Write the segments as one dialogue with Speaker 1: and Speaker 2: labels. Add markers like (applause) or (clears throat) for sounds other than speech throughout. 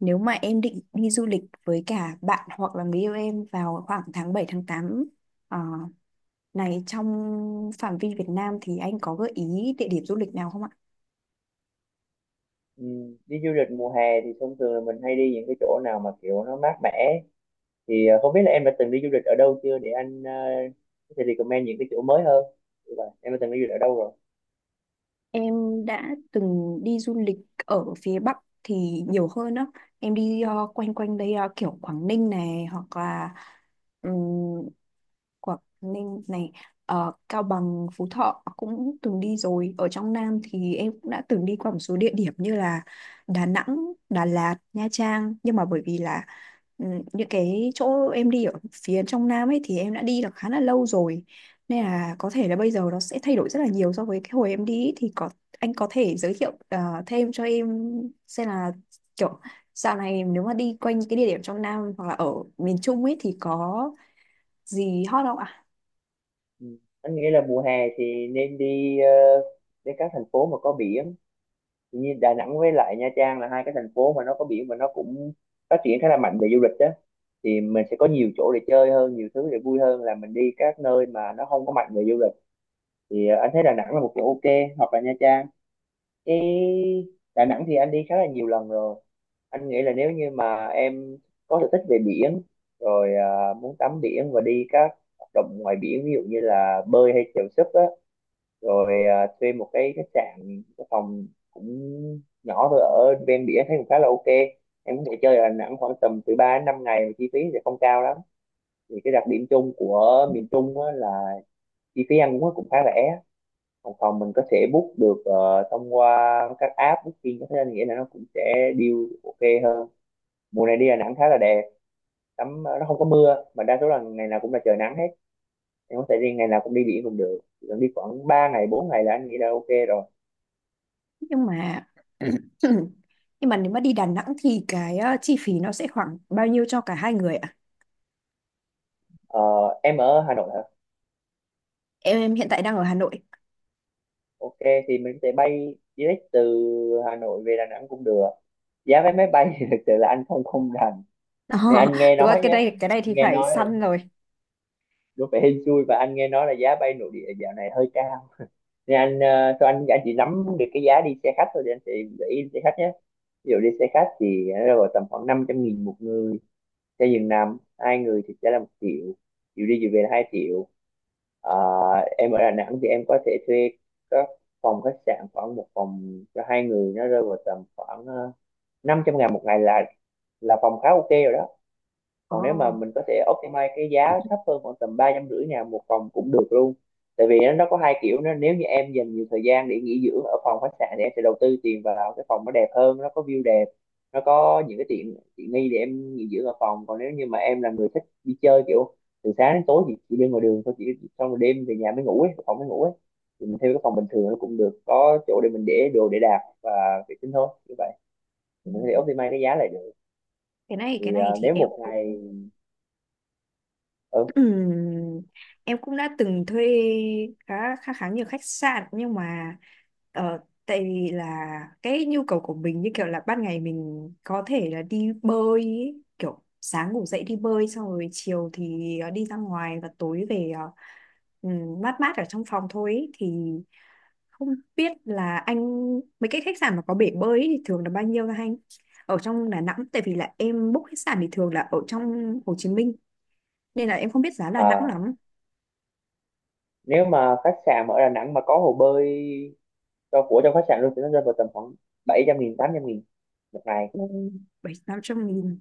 Speaker 1: Nếu mà em định đi du lịch với cả bạn hoặc là người yêu em vào khoảng tháng 7 tháng tám, ờ, này trong phạm vi Việt Nam thì anh có gợi ý địa điểm du lịch nào không ạ?
Speaker 2: Ừ, Đi du lịch mùa hè thì thông thường là mình hay đi những cái chỗ nào mà kiểu nó mát mẻ, thì không biết là em đã từng đi du lịch ở đâu chưa để anh có thể recommend những cái chỗ mới hơn. Như vậy, em đã từng đi du lịch ở đâu rồi?
Speaker 1: Em đã từng đi du lịch ở phía Bắc thì nhiều hơn đó. Em đi quanh quanh đây, kiểu Quảng Ninh này hoặc là Quảng Ninh này ờ, Cao Bằng, Phú Thọ cũng từng đi rồi. Ở trong Nam thì em cũng đã từng đi qua một số địa điểm như là Đà Nẵng, Đà Lạt, Nha Trang, nhưng mà bởi vì là ừ, những cái chỗ em đi ở phía trong Nam ấy thì em đã đi được khá là lâu rồi, nên là có thể là bây giờ nó sẽ thay đổi rất là nhiều so với cái hồi em đi ấy. Thì có anh có thể giới thiệu thêm cho em xem là kiểu dạo này nếu mà đi quanh cái địa điểm trong Nam hoặc là ở miền Trung ấy thì có gì hot không ạ?
Speaker 2: Ừ. Anh nghĩ là mùa hè thì nên đi đến các thành phố mà có biển. Thì như Đà Nẵng với lại Nha Trang là hai cái thành phố mà nó có biển và nó cũng phát triển khá là mạnh về du lịch đó, thì mình sẽ có nhiều chỗ để chơi hơn, nhiều thứ để vui hơn là mình đi các nơi mà nó không có mạnh về du lịch. Thì anh thấy Đà Nẵng là một chỗ ok, hoặc là Nha Trang. Chứ Đà Nẵng thì anh đi khá là nhiều lần rồi. Anh nghĩ là nếu như mà em có sở thích về biển, rồi à, muốn tắm biển và đi các hoạt động ngoài biển, ví dụ như là bơi hay chèo súp á, rồi à, thuê một cái khách sạn, cái phòng cũng nhỏ thôi ở ven biển thấy cũng khá là ok. Em có thể chơi ở Đà Nẵng khoảng tầm từ 3 đến 5 ngày mà chi phí sẽ không cao lắm. Thì cái đặc điểm chung của miền Trung á, là chi phí ăn uống cũng khá rẻ. Còn phòng mình có thể book được thông qua các app booking, thế nên nghĩa là nó cũng sẽ deal ok hơn. Mùa này đi Đà Nẵng khá là đẹp, tắm nó không có mưa mà đa số là ngày nào cũng là trời nắng hết. Em có thể đi ngày nào cũng đi biển cũng được. Chỉ cần đi khoảng 3 ngày 4 ngày là anh nghĩ là ok rồi.
Speaker 1: Nhưng mà (clears throat) nhưng mà nếu mà đi Đà Nẵng thì cái chi phí nó sẽ khoảng bao nhiêu cho cả hai người ạ?
Speaker 2: Ờ, em ở Hà Nội hả?
Speaker 1: Em hiện tại đang ở Hà Nội.
Speaker 2: Ok, thì mình có thể bay direct từ Hà Nội về Đà Nẵng cũng được. Giá vé máy bay (laughs) thì thực sự là anh không không rành,
Speaker 1: (laughs) Ờ,
Speaker 2: thì anh nghe
Speaker 1: đúng rồi,
Speaker 2: nói
Speaker 1: cái
Speaker 2: nhé.
Speaker 1: đây cái này thì
Speaker 2: Nghe
Speaker 1: phải
Speaker 2: nói là
Speaker 1: săn rồi.
Speaker 2: đúng phải hên xui, và anh nghe nói là giá bay nội địa dạo này hơi cao. Thì anh thôi anh chỉ nắm được cái giá đi xe khách thôi, thì anh sẽ gợi ý xe khách nhé. Ví dụ đi xe khách thì nó rơi vào tầm khoảng 500 nghìn một người, cho giường nằm hai người thì sẽ là một triệu, chiều đi chiều về là hai triệu. Ờ, em ở Đà Nẵng thì em có thể thuê các phòng khách sạn, khoảng một phòng cho hai người nó rơi vào tầm khoảng 500 ngàn một ngày là phòng khá ok rồi đó.
Speaker 1: Ồ,
Speaker 2: Còn nếu mà mình có thể optimize cái giá thấp hơn, khoảng tầm ba trăm rưỡi ngàn một phòng cũng được luôn. Tại vì nó có hai kiểu nó. Nếu như em dành nhiều thời gian để nghỉ dưỡng ở phòng khách sạn thì em sẽ đầu tư tiền vào cái phòng nó đẹp hơn, nó có view đẹp, nó có những cái tiện tiện nghi để em nghỉ dưỡng ở phòng. Còn nếu như mà em là người thích đi chơi kiểu từ sáng đến tối thì chỉ đi ngoài đường thôi, chỉ xong rồi đêm về nhà mới ngủ ấy, phòng mới ngủ ấy, thì mình thuê cái phòng bình thường nó cũng được, có chỗ để mình để đồ để đạc và vệ sinh thôi. Như vậy thì mình có thể optimize cái giá lại được.
Speaker 1: cái này cái
Speaker 2: Thì à,
Speaker 1: này thì
Speaker 2: nếu
Speaker 1: em
Speaker 2: một
Speaker 1: cũng…
Speaker 2: ngày ừ,
Speaker 1: Ừm, em cũng đã từng thuê khá khá khá nhiều khách sạn, nhưng mà ờ, tại vì là cái nhu cầu của mình như kiểu là ban ngày mình có thể là đi bơi ý, kiểu sáng ngủ dậy đi bơi, xong rồi chiều thì đi ra ngoài, và tối về mát mát ở trong phòng thôi ý. Thì không biết là anh mấy cái khách sạn mà có bể bơi ý thì thường là bao nhiêu hả anh, ở trong Đà Nẵng? Tại vì là em book khách sạn thì thường là ở trong Hồ Chí Minh, nên là em không biết giá Đà Nẵng
Speaker 2: à,
Speaker 1: lắm.
Speaker 2: nếu mà khách sạn mà ở Đà Nẵng mà có hồ bơi cho của trong khách sạn luôn thì nó rơi vào tầm khoảng 700 nghìn 800 nghìn một ngày.
Speaker 1: Ồ, bảy tám trăm nghìn.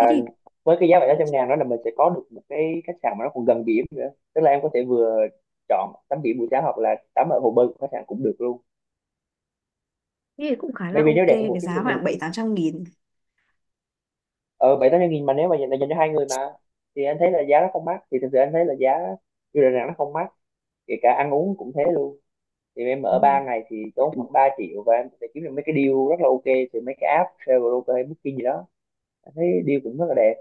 Speaker 1: Thế thì,
Speaker 2: với cái giá 700 ngàn đó là mình sẽ có được một cái khách sạn mà nó còn gần biển nữa, tức là em có thể vừa chọn tắm biển buổi sáng hoặc là tắm ở hồ bơi của khách sạn cũng được luôn.
Speaker 1: thế thì cũng khá là
Speaker 2: Maybe nếu
Speaker 1: ok
Speaker 2: đẹp hơn một
Speaker 1: với
Speaker 2: chút thì
Speaker 1: giá
Speaker 2: mình
Speaker 1: khoảng bảy
Speaker 2: chỉ
Speaker 1: tám trăm nghìn.
Speaker 2: ờ bảy tám trăm nghìn, mà nếu mà dành cho hai người mà, thì anh thấy là giá nó không mắc. Thì thực sự anh thấy là giá du lịch Đà Nẵng nó không mắc, kể cả ăn uống cũng thế luôn. Thì em
Speaker 1: Ừ.
Speaker 2: ở 3 ngày thì tốn khoảng 3 triệu, và em sẽ kiếm được mấy cái deal rất là ok từ mấy cái app Traveloka hay Booking gì đó. Em thấy deal cũng rất là đẹp.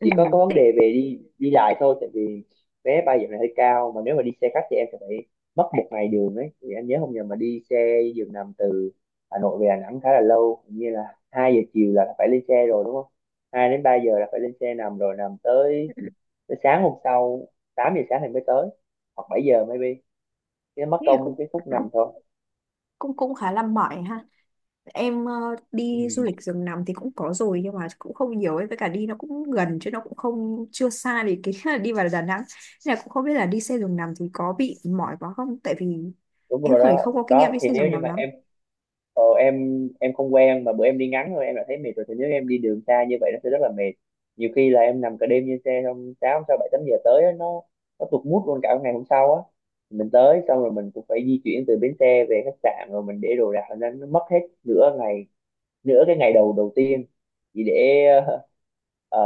Speaker 1: Ừ.
Speaker 2: Chỉ có vấn đề
Speaker 1: Thế,
Speaker 2: về đi đi lại thôi, tại vì vé bay giờ này hơi cao, mà nếu mà đi xe khách thì em sẽ phải mất một ngày đường ấy. Thì anh nhớ không nhầm mà đi xe giường nằm từ Hà Nội về Đà Nẵng khá là lâu, hình như là 2 giờ chiều là phải lên xe rồi đúng không, 2 đến 3 giờ là phải lên xe nằm rồi, nằm tới
Speaker 1: thế
Speaker 2: tới sáng hôm sau, 8 giờ sáng thì mới tới, hoặc 7 giờ maybe. Cái mất
Speaker 1: thì cũng
Speaker 2: công cái phút nằm thôi.
Speaker 1: cũng cũng khá là mỏi ha. Em
Speaker 2: Ừ.
Speaker 1: đi du lịch giường nằm thì cũng có rồi, nhưng mà cũng không nhiều ấy, với cả đi nó cũng gần chứ nó cũng không chưa xa, thì cái (laughs) là đi vào Đà Nẵng. Nên là cũng không biết là đi xe giường nằm thì có bị mỏi quá không, tại vì
Speaker 2: Đúng
Speaker 1: em
Speaker 2: rồi
Speaker 1: khởi
Speaker 2: đó
Speaker 1: không có kinh nghiệm
Speaker 2: đó,
Speaker 1: đi
Speaker 2: thì
Speaker 1: xe
Speaker 2: nếu
Speaker 1: giường
Speaker 2: như
Speaker 1: nằm
Speaker 2: mà
Speaker 1: lắm.
Speaker 2: em ờ, em em không quen, mà bữa em đi ngắn thôi em đã thấy mệt rồi, thì nếu em đi đường xa như vậy nó sẽ rất là mệt. Nhiều khi là em nằm cả đêm trên xe, xong sáu sáu bảy tám giờ tới á, nó tụt mood luôn cả ngày hôm sau á. Mình tới xong rồi mình cũng phải di chuyển từ bến xe về khách sạn, rồi mình để đồ đạc, nên nó mất hết nửa ngày, nửa cái ngày đầu đầu tiên, chỉ để (laughs)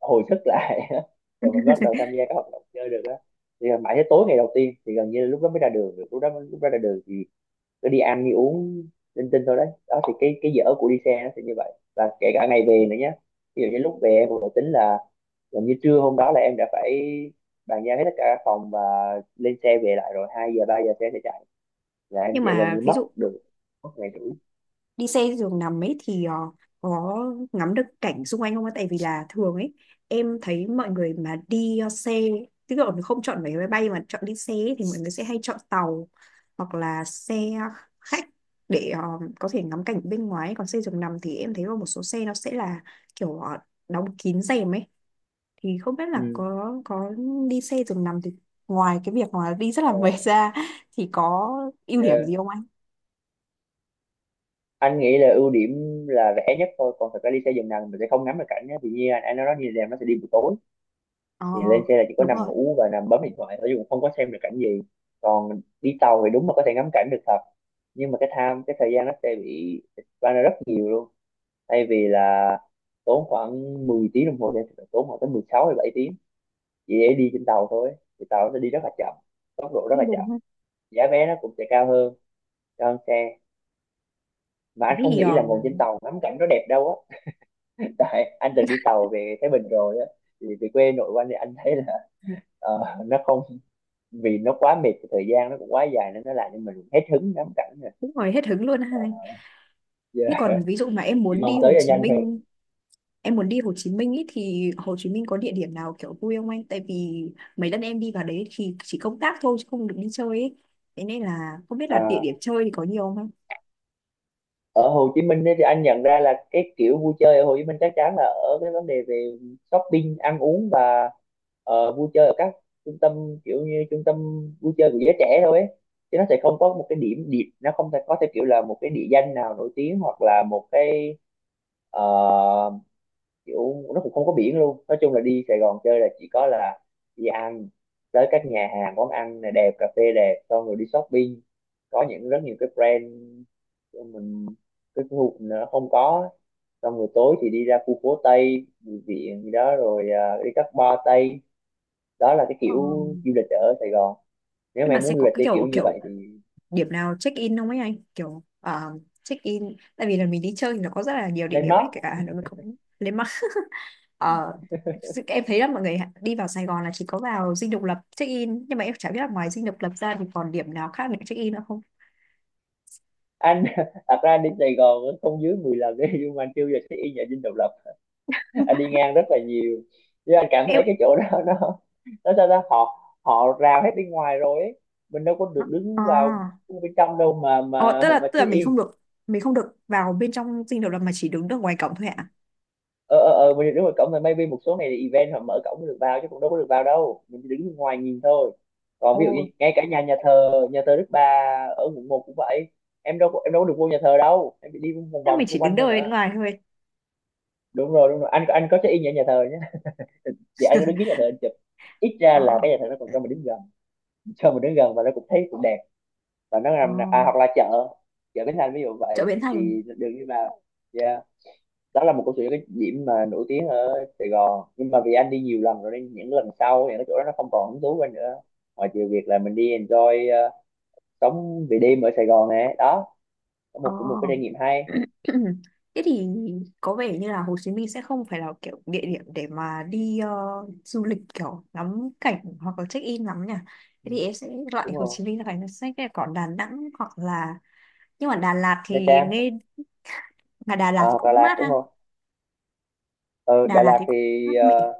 Speaker 2: hồi sức lại. (laughs) Rồi mình bắt đầu tham gia các hoạt động chơi được á, thì mãi tới tối ngày đầu tiên thì gần như là lúc đó mới ra đường được, lúc đó ra đường thì cứ đi ăn đi uống linh tinh thôi đấy đó. Thì cái dở của đi xe nó sẽ như vậy, và kể cả ngày về nữa nhé. Ví dụ như lúc về em cũng đã tính là gần như trưa hôm đó là em đã phải bàn giao hết tất cả các phòng và lên xe về lại rồi, hai giờ ba giờ xe sẽ chạy, là em
Speaker 1: Nhưng
Speaker 2: sẽ gần
Speaker 1: mà
Speaker 2: như
Speaker 1: ví
Speaker 2: mất
Speaker 1: dụ
Speaker 2: được mất ngày rưỡi.
Speaker 1: đi xe giường nằm ấy thì có ngắm được cảnh xung quanh không ạ? Tại vì là thường ấy em thấy mọi người mà đi xe, tức là không chọn vé máy bay mà chọn đi xe ấy, thì mọi người sẽ hay chọn tàu hoặc là xe khách để có thể ngắm cảnh bên ngoài. Còn xe giường nằm thì em thấy là một số xe nó sẽ là kiểu đóng kín rèm ấy, thì không biết là
Speaker 2: Ừ.
Speaker 1: có đi xe giường nằm thì ngoài cái việc mà đi rất là
Speaker 2: Ờ,
Speaker 1: mệt ra thì có ưu điểm
Speaker 2: yeah,
Speaker 1: gì không anh?
Speaker 2: anh nghĩ là ưu điểm là rẻ nhất thôi. Còn thật ra đi xe giường nằm mình sẽ không ngắm được cảnh nhé, thì như anh nói đó, như là nó sẽ đi buổi tối
Speaker 1: Ờ,
Speaker 2: thì lên xe là chỉ có
Speaker 1: đúng
Speaker 2: nằm
Speaker 1: rồi,
Speaker 2: ngủ và nằm bấm điện thoại thôi, chứ cũng không có xem được cảnh gì. Còn đi tàu thì đúng là có thể ngắm cảnh được thật, nhưng mà cái time, cái thời gian nó sẽ bị expand ra rất nhiều luôn. Thay vì là tốn khoảng 10 tiếng đồng hồ thì phải tốn khoảng tới 16 hay 7 tiếng chỉ để đi trên tàu thôi. Thì tàu nó đi rất là chậm, tốc độ rất là
Speaker 1: cũng đúng.
Speaker 2: chậm, giá vé nó cũng sẽ cao hơn, cao hơn xe. Mà
Speaker 1: Thế
Speaker 2: anh không
Speaker 1: thì
Speaker 2: nghĩ là ngồi trên tàu ngắm cảnh nó đẹp đâu á. (laughs) Tại anh từng đi tàu về Thái Bình rồi á, thì về quê nội của anh, thì anh thấy là ờ, nó không, vì nó quá mệt, thời gian nó cũng quá dài nên nó làm cho mình hết hứng ngắm cảnh rồi,
Speaker 1: cũng hỏi hết hứng luôn ha.
Speaker 2: giờ
Speaker 1: Thế còn ví dụ mà em
Speaker 2: chỉ
Speaker 1: muốn
Speaker 2: mong
Speaker 1: đi
Speaker 2: tới
Speaker 1: Hồ
Speaker 2: cho
Speaker 1: Chí
Speaker 2: nhanh thôi.
Speaker 1: Minh, em muốn đi Hồ Chí Minh ý, thì Hồ Chí Minh có địa điểm nào kiểu vui không anh? Tại vì mấy lần em đi vào đấy thì chỉ công tác thôi chứ không được đi chơi ấy. Thế nên là không biết là địa điểm
Speaker 2: À,
Speaker 1: chơi thì có nhiều không anh?
Speaker 2: ở Hồ Chí Minh ấy, thì anh nhận ra là cái kiểu vui chơi ở Hồ Chí Minh chắc chắn là ở cái vấn đề về shopping, ăn uống, và vui chơi ở các trung tâm, kiểu như trung tâm vui chơi của giới trẻ thôi ấy. Chứ nó sẽ không có một cái điểm điểm nó không thể có theo kiểu là một cái địa danh nào nổi tiếng hoặc là một ờ, kiểu, nó cũng không có biển. Luôn nói chung là đi Sài Gòn chơi là chỉ có là đi ăn tới các nhà hàng, quán ăn này đẹp, cà phê đẹp, xong rồi đi shopping, có những rất nhiều cái brand mình cái khu nó không có. Xong rồi tối thì đi ra khu phố Tây Bùi Viện gì đó rồi, à, đi các bar Tây. Đó là cái
Speaker 1: Ờ,
Speaker 2: kiểu du lịch ở Sài Gòn, nếu mà
Speaker 1: nhưng mà
Speaker 2: em
Speaker 1: sẽ
Speaker 2: muốn du
Speaker 1: có
Speaker 2: lịch
Speaker 1: cái
Speaker 2: theo kiểu
Speaker 1: kiểu
Speaker 2: như
Speaker 1: kiểu
Speaker 2: vậy thì
Speaker 1: điểm nào check in không ấy anh? Kiểu check in, tại vì là mình đi chơi thì nó có rất là nhiều địa
Speaker 2: lên
Speaker 1: điểm
Speaker 2: Mác.
Speaker 1: ấy, kể cả Hà Nội mình cũng lên. Ờ, sự em thấy là mọi người đi vào Sài Gòn là chỉ có vào Dinh Độc Lập check in, nhưng mà em chả biết là ngoài Dinh Độc Lập ra thì còn điểm nào khác để check in nữa không.
Speaker 2: Anh (laughs) thật ra anh đến Sài Gòn cũng không dưới 10 lần đấy, nhưng mà anh chưa du lịch cái y nhà Dinh Độc Lập. Anh đi
Speaker 1: (laughs)
Speaker 2: ngang rất là nhiều nhưng anh cảm thấy
Speaker 1: em
Speaker 2: cái chỗ đó (laughs) nó sao ta, họ họ rào hết bên ngoài rồi ấy. Mình đâu có được
Speaker 1: ờ
Speaker 2: đứng vào bên trong đâu mà
Speaker 1: Ờ, tức là tức là
Speaker 2: check in.
Speaker 1: mình không được vào bên trong Dinh Độc Lập mà chỉ đứng được ngoài cổng thôi ạ?
Speaker 2: Ờ, ờ, ờ, mình đứng ngoài cổng rồi, maybe một số này thì event họ mở cổng mới được vào, chứ cũng đâu có được vào đâu, mình chỉ đứng bên ngoài nhìn thôi. Còn ví dụ như
Speaker 1: Ồ,
Speaker 2: ngay cả nhà nhà thờ Đức Bà ở Quận 1 cũng vậy. Em đâu có được vô nhà thờ đâu, em chỉ đi vòng
Speaker 1: thế
Speaker 2: vòng
Speaker 1: mình
Speaker 2: xung
Speaker 1: chỉ
Speaker 2: quanh
Speaker 1: đứng
Speaker 2: thôi
Speaker 1: đợi bên
Speaker 2: mà.
Speaker 1: ngoài thôi.
Speaker 2: Đúng rồi, đúng rồi, anh có check in ở nhà thờ nhé, vậy anh có đứng dưới nhà thờ anh chụp. Ít ra
Speaker 1: Ờ.
Speaker 2: là cái nhà thờ nó còn cho mình đứng gần, và nó cũng thấy cũng đẹp. Và nó
Speaker 1: Ờ,
Speaker 2: làm, à, hoặc là chợ chợ Bến Thành ví dụ
Speaker 1: chợ
Speaker 2: vậy,
Speaker 1: Bến Thành.
Speaker 2: thì đường đi vào. Yeah, đó là một câu chuyện, cái điểm mà nổi tiếng ở Sài Gòn, nhưng mà vì anh đi nhiều lần rồi nên những lần sau thì cái chỗ đó nó không còn hứng thú với anh nữa, ngoài trừ việc là mình đi enjoy, sống về đêm ở Sài Gòn này đó, có
Speaker 1: Ờ.
Speaker 2: một cũng một cái trải nghiệm hay.
Speaker 1: Thế thì có vẻ như là Hồ Chí Minh sẽ không phải là kiểu địa điểm để mà đi du lịch kiểu ngắm cảnh hoặc là check in lắm nhỉ. Thế
Speaker 2: Ừ,
Speaker 1: thì em sẽ loại
Speaker 2: đúng
Speaker 1: Hồ
Speaker 2: rồi.
Speaker 1: Chí Minh ra khỏi danh sách này, còn Đà Nẵng hoặc là… nhưng mà Đà Lạt
Speaker 2: Nha
Speaker 1: thì
Speaker 2: Trang,
Speaker 1: nghe mà Đà
Speaker 2: à,
Speaker 1: Lạt thì
Speaker 2: hoặc Đà
Speaker 1: cũng
Speaker 2: Lạt
Speaker 1: mát
Speaker 2: đúng
Speaker 1: ha.
Speaker 2: không. Ừ,
Speaker 1: Đà
Speaker 2: Đà
Speaker 1: Lạt
Speaker 2: Lạt
Speaker 1: thì cũng mát mẻ.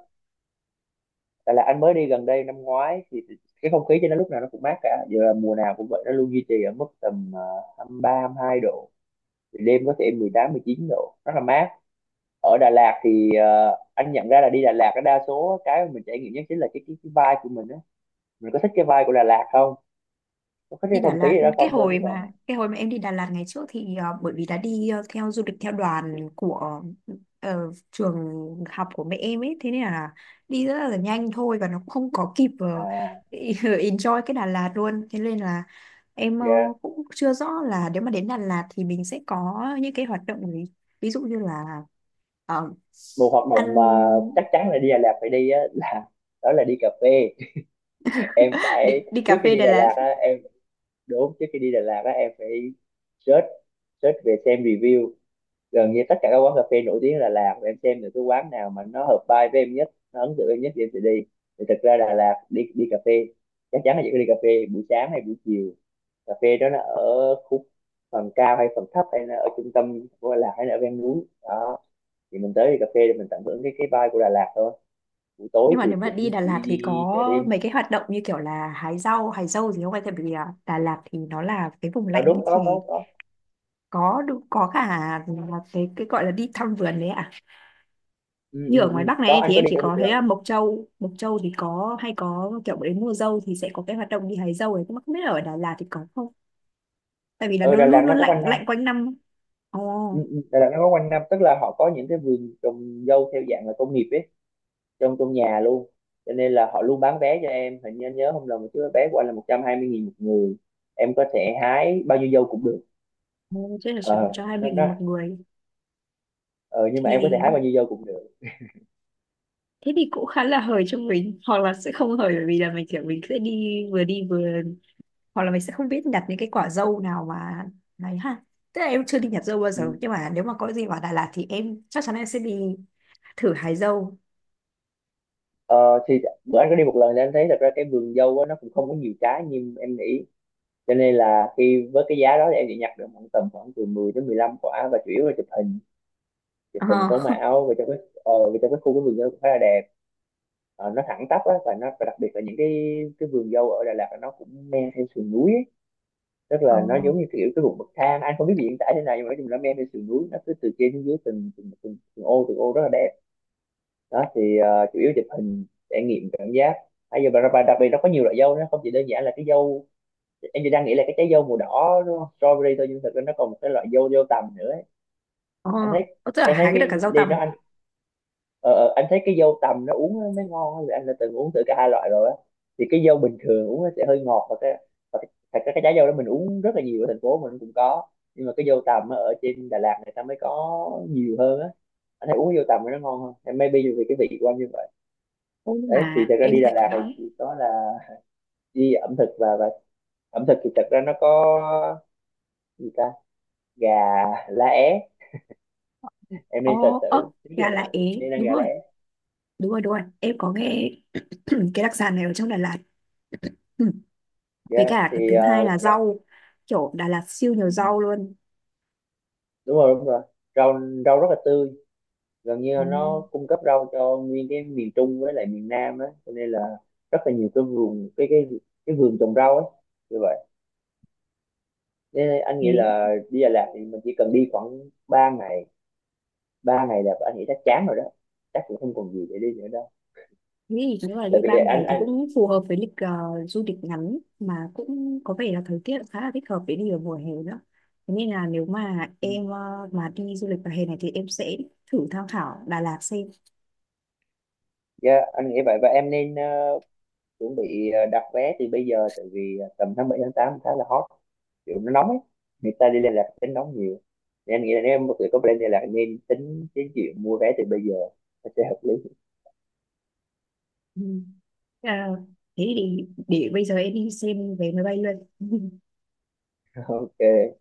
Speaker 2: Đà Lạt anh mới đi gần đây năm ngoái, thì cái không khí trên nó lúc nào nó cũng mát cả, giờ là mùa nào cũng vậy, nó luôn duy trì ở mức tầm 23 22 độ. Thì đêm có thể 18 19 độ, rất là mát. Ở Đà Lạt anh nhận ra là đi Đà Lạt á, đa số cái mà mình trải nghiệm nhất chính là cái vibe của mình á, mình có thích cái vibe của Đà Lạt không, có thích
Speaker 1: Đi
Speaker 2: cái
Speaker 1: Đà
Speaker 2: không khí
Speaker 1: Lạt,
Speaker 2: ở đó
Speaker 1: cái
Speaker 2: không thôi, chứ
Speaker 1: hồi mà
Speaker 2: còn.
Speaker 1: em đi Đà Lạt ngày trước thì bởi vì là đi theo du lịch theo đoàn của trường học của mẹ em ấy, thế nên là đi rất là nhanh thôi, và nó cũng không có kịp
Speaker 2: À,
Speaker 1: (laughs) enjoy cái Đà Lạt luôn. Thế nên là em
Speaker 2: yeah.
Speaker 1: cũng chưa rõ là nếu mà đến Đà Lạt thì mình sẽ có những cái hoạt động gì, ví dụ như là ờ,
Speaker 2: Một hoạt
Speaker 1: ăn.
Speaker 2: động mà chắc chắn là đi Đà Lạt phải đi á, là đó là đi cà phê. (laughs) Em
Speaker 1: (laughs) Đi
Speaker 2: phải,
Speaker 1: đi cà
Speaker 2: trước khi
Speaker 1: phê
Speaker 2: đi
Speaker 1: Đà
Speaker 2: Đà
Speaker 1: Lạt.
Speaker 2: Lạt á em trước khi đi Đà Lạt á em phải search, về xem review gần như tất cả các quán cà phê nổi tiếng ở Đà Lạt, và em xem được cái quán nào mà nó hợp vibe với em nhất, nó ấn tượng em nhất, thì em sẽ đi. Thì thật ra Đà Lạt đi đi cà phê, chắc chắn là chỉ có đi cà phê buổi sáng hay buổi chiều. Cà phê đó nó ở khúc phần cao hay phần thấp, hay là ở trung tâm của Đà Lạt hay là ở ven núi đó, thì mình tới đi cà phê để mình tận hưởng cái vibe của Đà Lạt thôi. Buổi tối
Speaker 1: Nhưng mà nếu
Speaker 2: thì
Speaker 1: mà đi
Speaker 2: cũng
Speaker 1: Đà Lạt
Speaker 2: chỉ
Speaker 1: thì
Speaker 2: đi
Speaker 1: có
Speaker 2: chợ đêm
Speaker 1: mấy cái hoạt động như kiểu là hái rau, hái dâu gì không anh? Tại vì à, Đà Lạt thì nó là cái vùng
Speaker 2: đó,
Speaker 1: lạnh
Speaker 2: đúng.
Speaker 1: ấy,
Speaker 2: Có,
Speaker 1: thì
Speaker 2: có, có.
Speaker 1: có đủ- có cả là cái gọi là đi thăm vườn đấy ạ.
Speaker 2: Ừ,
Speaker 1: Như
Speaker 2: ừ,
Speaker 1: ở ngoài
Speaker 2: ừ.
Speaker 1: Bắc
Speaker 2: Có,
Speaker 1: này
Speaker 2: anh
Speaker 1: thì
Speaker 2: có
Speaker 1: em
Speaker 2: đi
Speaker 1: chỉ
Speaker 2: cả một
Speaker 1: có thấy
Speaker 2: lần.
Speaker 1: à, Mộc Châu, Mộc Châu thì có hay có kiểu đến mùa dâu thì sẽ có cái hoạt động đi hái dâu ấy, nhưng mà không biết là ở Đà Lạt thì có không? Tại vì là
Speaker 2: Ừ,
Speaker 1: nó
Speaker 2: Đà
Speaker 1: luôn
Speaker 2: Lạt nó
Speaker 1: luôn
Speaker 2: có quanh
Speaker 1: lạnh
Speaker 2: năm.
Speaker 1: lạnh quanh năm.
Speaker 2: Ừ,
Speaker 1: Ồ.
Speaker 2: ừ, Đà Lạt nó có quanh năm, tức là họ có những cái vườn trồng dâu theo dạng là công nghiệp ấy, trong trong nhà luôn. Cho nên là họ luôn bán vé cho em, hình như anh nhớ không lầm, một cái vé của anh là 120.000 một người, em có thể hái bao nhiêu dâu cũng được.
Speaker 1: Oh, thế là sẽ
Speaker 2: ờ
Speaker 1: cho hai
Speaker 2: nó,
Speaker 1: mình
Speaker 2: nó,
Speaker 1: một người
Speaker 2: ờ, nhưng mà em có thể hái
Speaker 1: thì,
Speaker 2: bao nhiêu dâu cũng được.
Speaker 1: thế thì cũng khá là hời cho mình, hoặc là sẽ không hời bởi vì là mình kiểu mình sẽ đi vừa đi vừa, hoặc là mình sẽ không biết nhặt những cái quả dâu nào mà này ha. Tức là em chưa đi nhặt dâu bao giờ,
Speaker 2: Ừ.
Speaker 1: nhưng mà nếu mà có gì vào Đà Lạt thì em chắc chắn em sẽ đi thử hái dâu.
Speaker 2: ờ, thì bữa anh có đi một lần thì anh thấy thật ra cái vườn dâu á, nó cũng không có nhiều trái như em nghĩ. Cho nên là khi với cái giá đó thì em chỉ nhặt được khoảng tầm khoảng từ 10 đến 15 quả, và chủ yếu là chụp hình, chụp
Speaker 1: ờ
Speaker 2: hình
Speaker 1: ờ
Speaker 2: sống ảo, và trong cái, và trong cái khu cái vườn dâu cũng khá là đẹp. Ờ, nó thẳng tắp á, và nó và đặc biệt là những cái vườn dâu ở Đà Lạt là nó cũng men theo sườn núi á, tức là nó giống như kiểu cái vùng bậc thang. Anh không biết hiện tại thế này nhưng mà nói chung là men trên sườn núi nó cứ từ trên xuống dưới, từng ô từng ô, rất là đẹp. Đó thì, chủ yếu chụp hình, trải nghiệm cảm giác bây giờ, và đặc biệt nó có nhiều loại dâu, nó không chỉ đơn giản là cái dâu em chỉ đang nghĩ là cái trái dâu màu đỏ đúng không? Strawberry thôi, nhưng thực ra nó còn một cái loại dâu dâu tằm nữa ấy. Anh thấy,
Speaker 1: Ờ, tức là
Speaker 2: anh thấy
Speaker 1: hái cái được cả
Speaker 2: cái
Speaker 1: dâu
Speaker 2: đi
Speaker 1: tằm.
Speaker 2: nó ờ, ờ, anh thấy cái dâu tằm nó uống nó mới ngon á, vì anh đã từng uống thử cả hai loại rồi á. Thì cái dâu bình thường uống nó sẽ hơi ngọt, thật ra cái trái dâu đó mình uống rất là nhiều, ở thành phố mình cũng có. Nhưng mà cái dâu tằm á, ở trên Đà Lạt người ta mới có nhiều hơn á, anh thấy uống dâu tằm nó ngon hơn. Hay maybe vì cái vị của anh như vậy.
Speaker 1: Ô, nhưng
Speaker 2: Đấy thì
Speaker 1: mà
Speaker 2: thật ra
Speaker 1: em
Speaker 2: đi Đà
Speaker 1: thấy
Speaker 2: Lạt thì
Speaker 1: đó
Speaker 2: chỉ có là đi ẩm thực. Và ẩm thực thì thật ra nó có gì ta, gà lá é, em
Speaker 1: ờ
Speaker 2: nên search
Speaker 1: ớt,
Speaker 2: thử, nếu Đà
Speaker 1: gà
Speaker 2: Lạt
Speaker 1: lá é.
Speaker 2: nên ăn
Speaker 1: Đúng
Speaker 2: gà lá
Speaker 1: rồi,
Speaker 2: é.
Speaker 1: đúng rồi đúng rồi, em có nghe (clears throat) cái đặc sản này ở trong Đà Lạt. Ừ. Với
Speaker 2: Yeah.
Speaker 1: cả cái thứ hai là rau, kiểu Đà Lạt siêu nhiều rau luôn.
Speaker 2: Đúng rồi, đúng rồi, rau rau rất là tươi, gần như
Speaker 1: Ừ.
Speaker 2: nó cung cấp rau cho nguyên cái miền Trung với lại miền Nam á, cho nên là rất là nhiều cái vườn, cái vườn trồng rau ấy. Như vậy nên anh nghĩ
Speaker 1: Thế.
Speaker 2: là đi Đà Lạt thì mình chỉ cần đi khoảng 3 ngày, 3 ngày là anh nghĩ chắc chán rồi đó, chắc cũng không còn gì để đi nữa đâu,
Speaker 1: Thế thì nếu là
Speaker 2: tại
Speaker 1: đi
Speaker 2: vì
Speaker 1: bang này
Speaker 2: anh
Speaker 1: thì
Speaker 2: anh
Speaker 1: cũng phù hợp với lịch du lịch ngắn, mà cũng có vẻ là thời tiết khá là thích hợp để đi vào mùa hè nữa. Thế nên là nếu mà em mà đi du lịch vào hè này thì em sẽ thử tham khảo Đà Lạt xem.
Speaker 2: Yeah, anh nghĩ vậy và em nên, chuẩn bị, đặt vé từ bây giờ, tại vì, tầm tháng 7 tháng 8 khá là hot, kiểu nó nóng ấy, người ta đi liên lạc tính nóng nhiều, nên em nghĩ là nếu em có thể có plan liên lạc nên tính đến chuyện mua vé từ bây giờ, nó sẽ hợp lý.
Speaker 1: Ừ. Ờ, thế thì để bây giờ em đi xem vé máy bay luôn. (laughs)
Speaker 2: (laughs) Ok.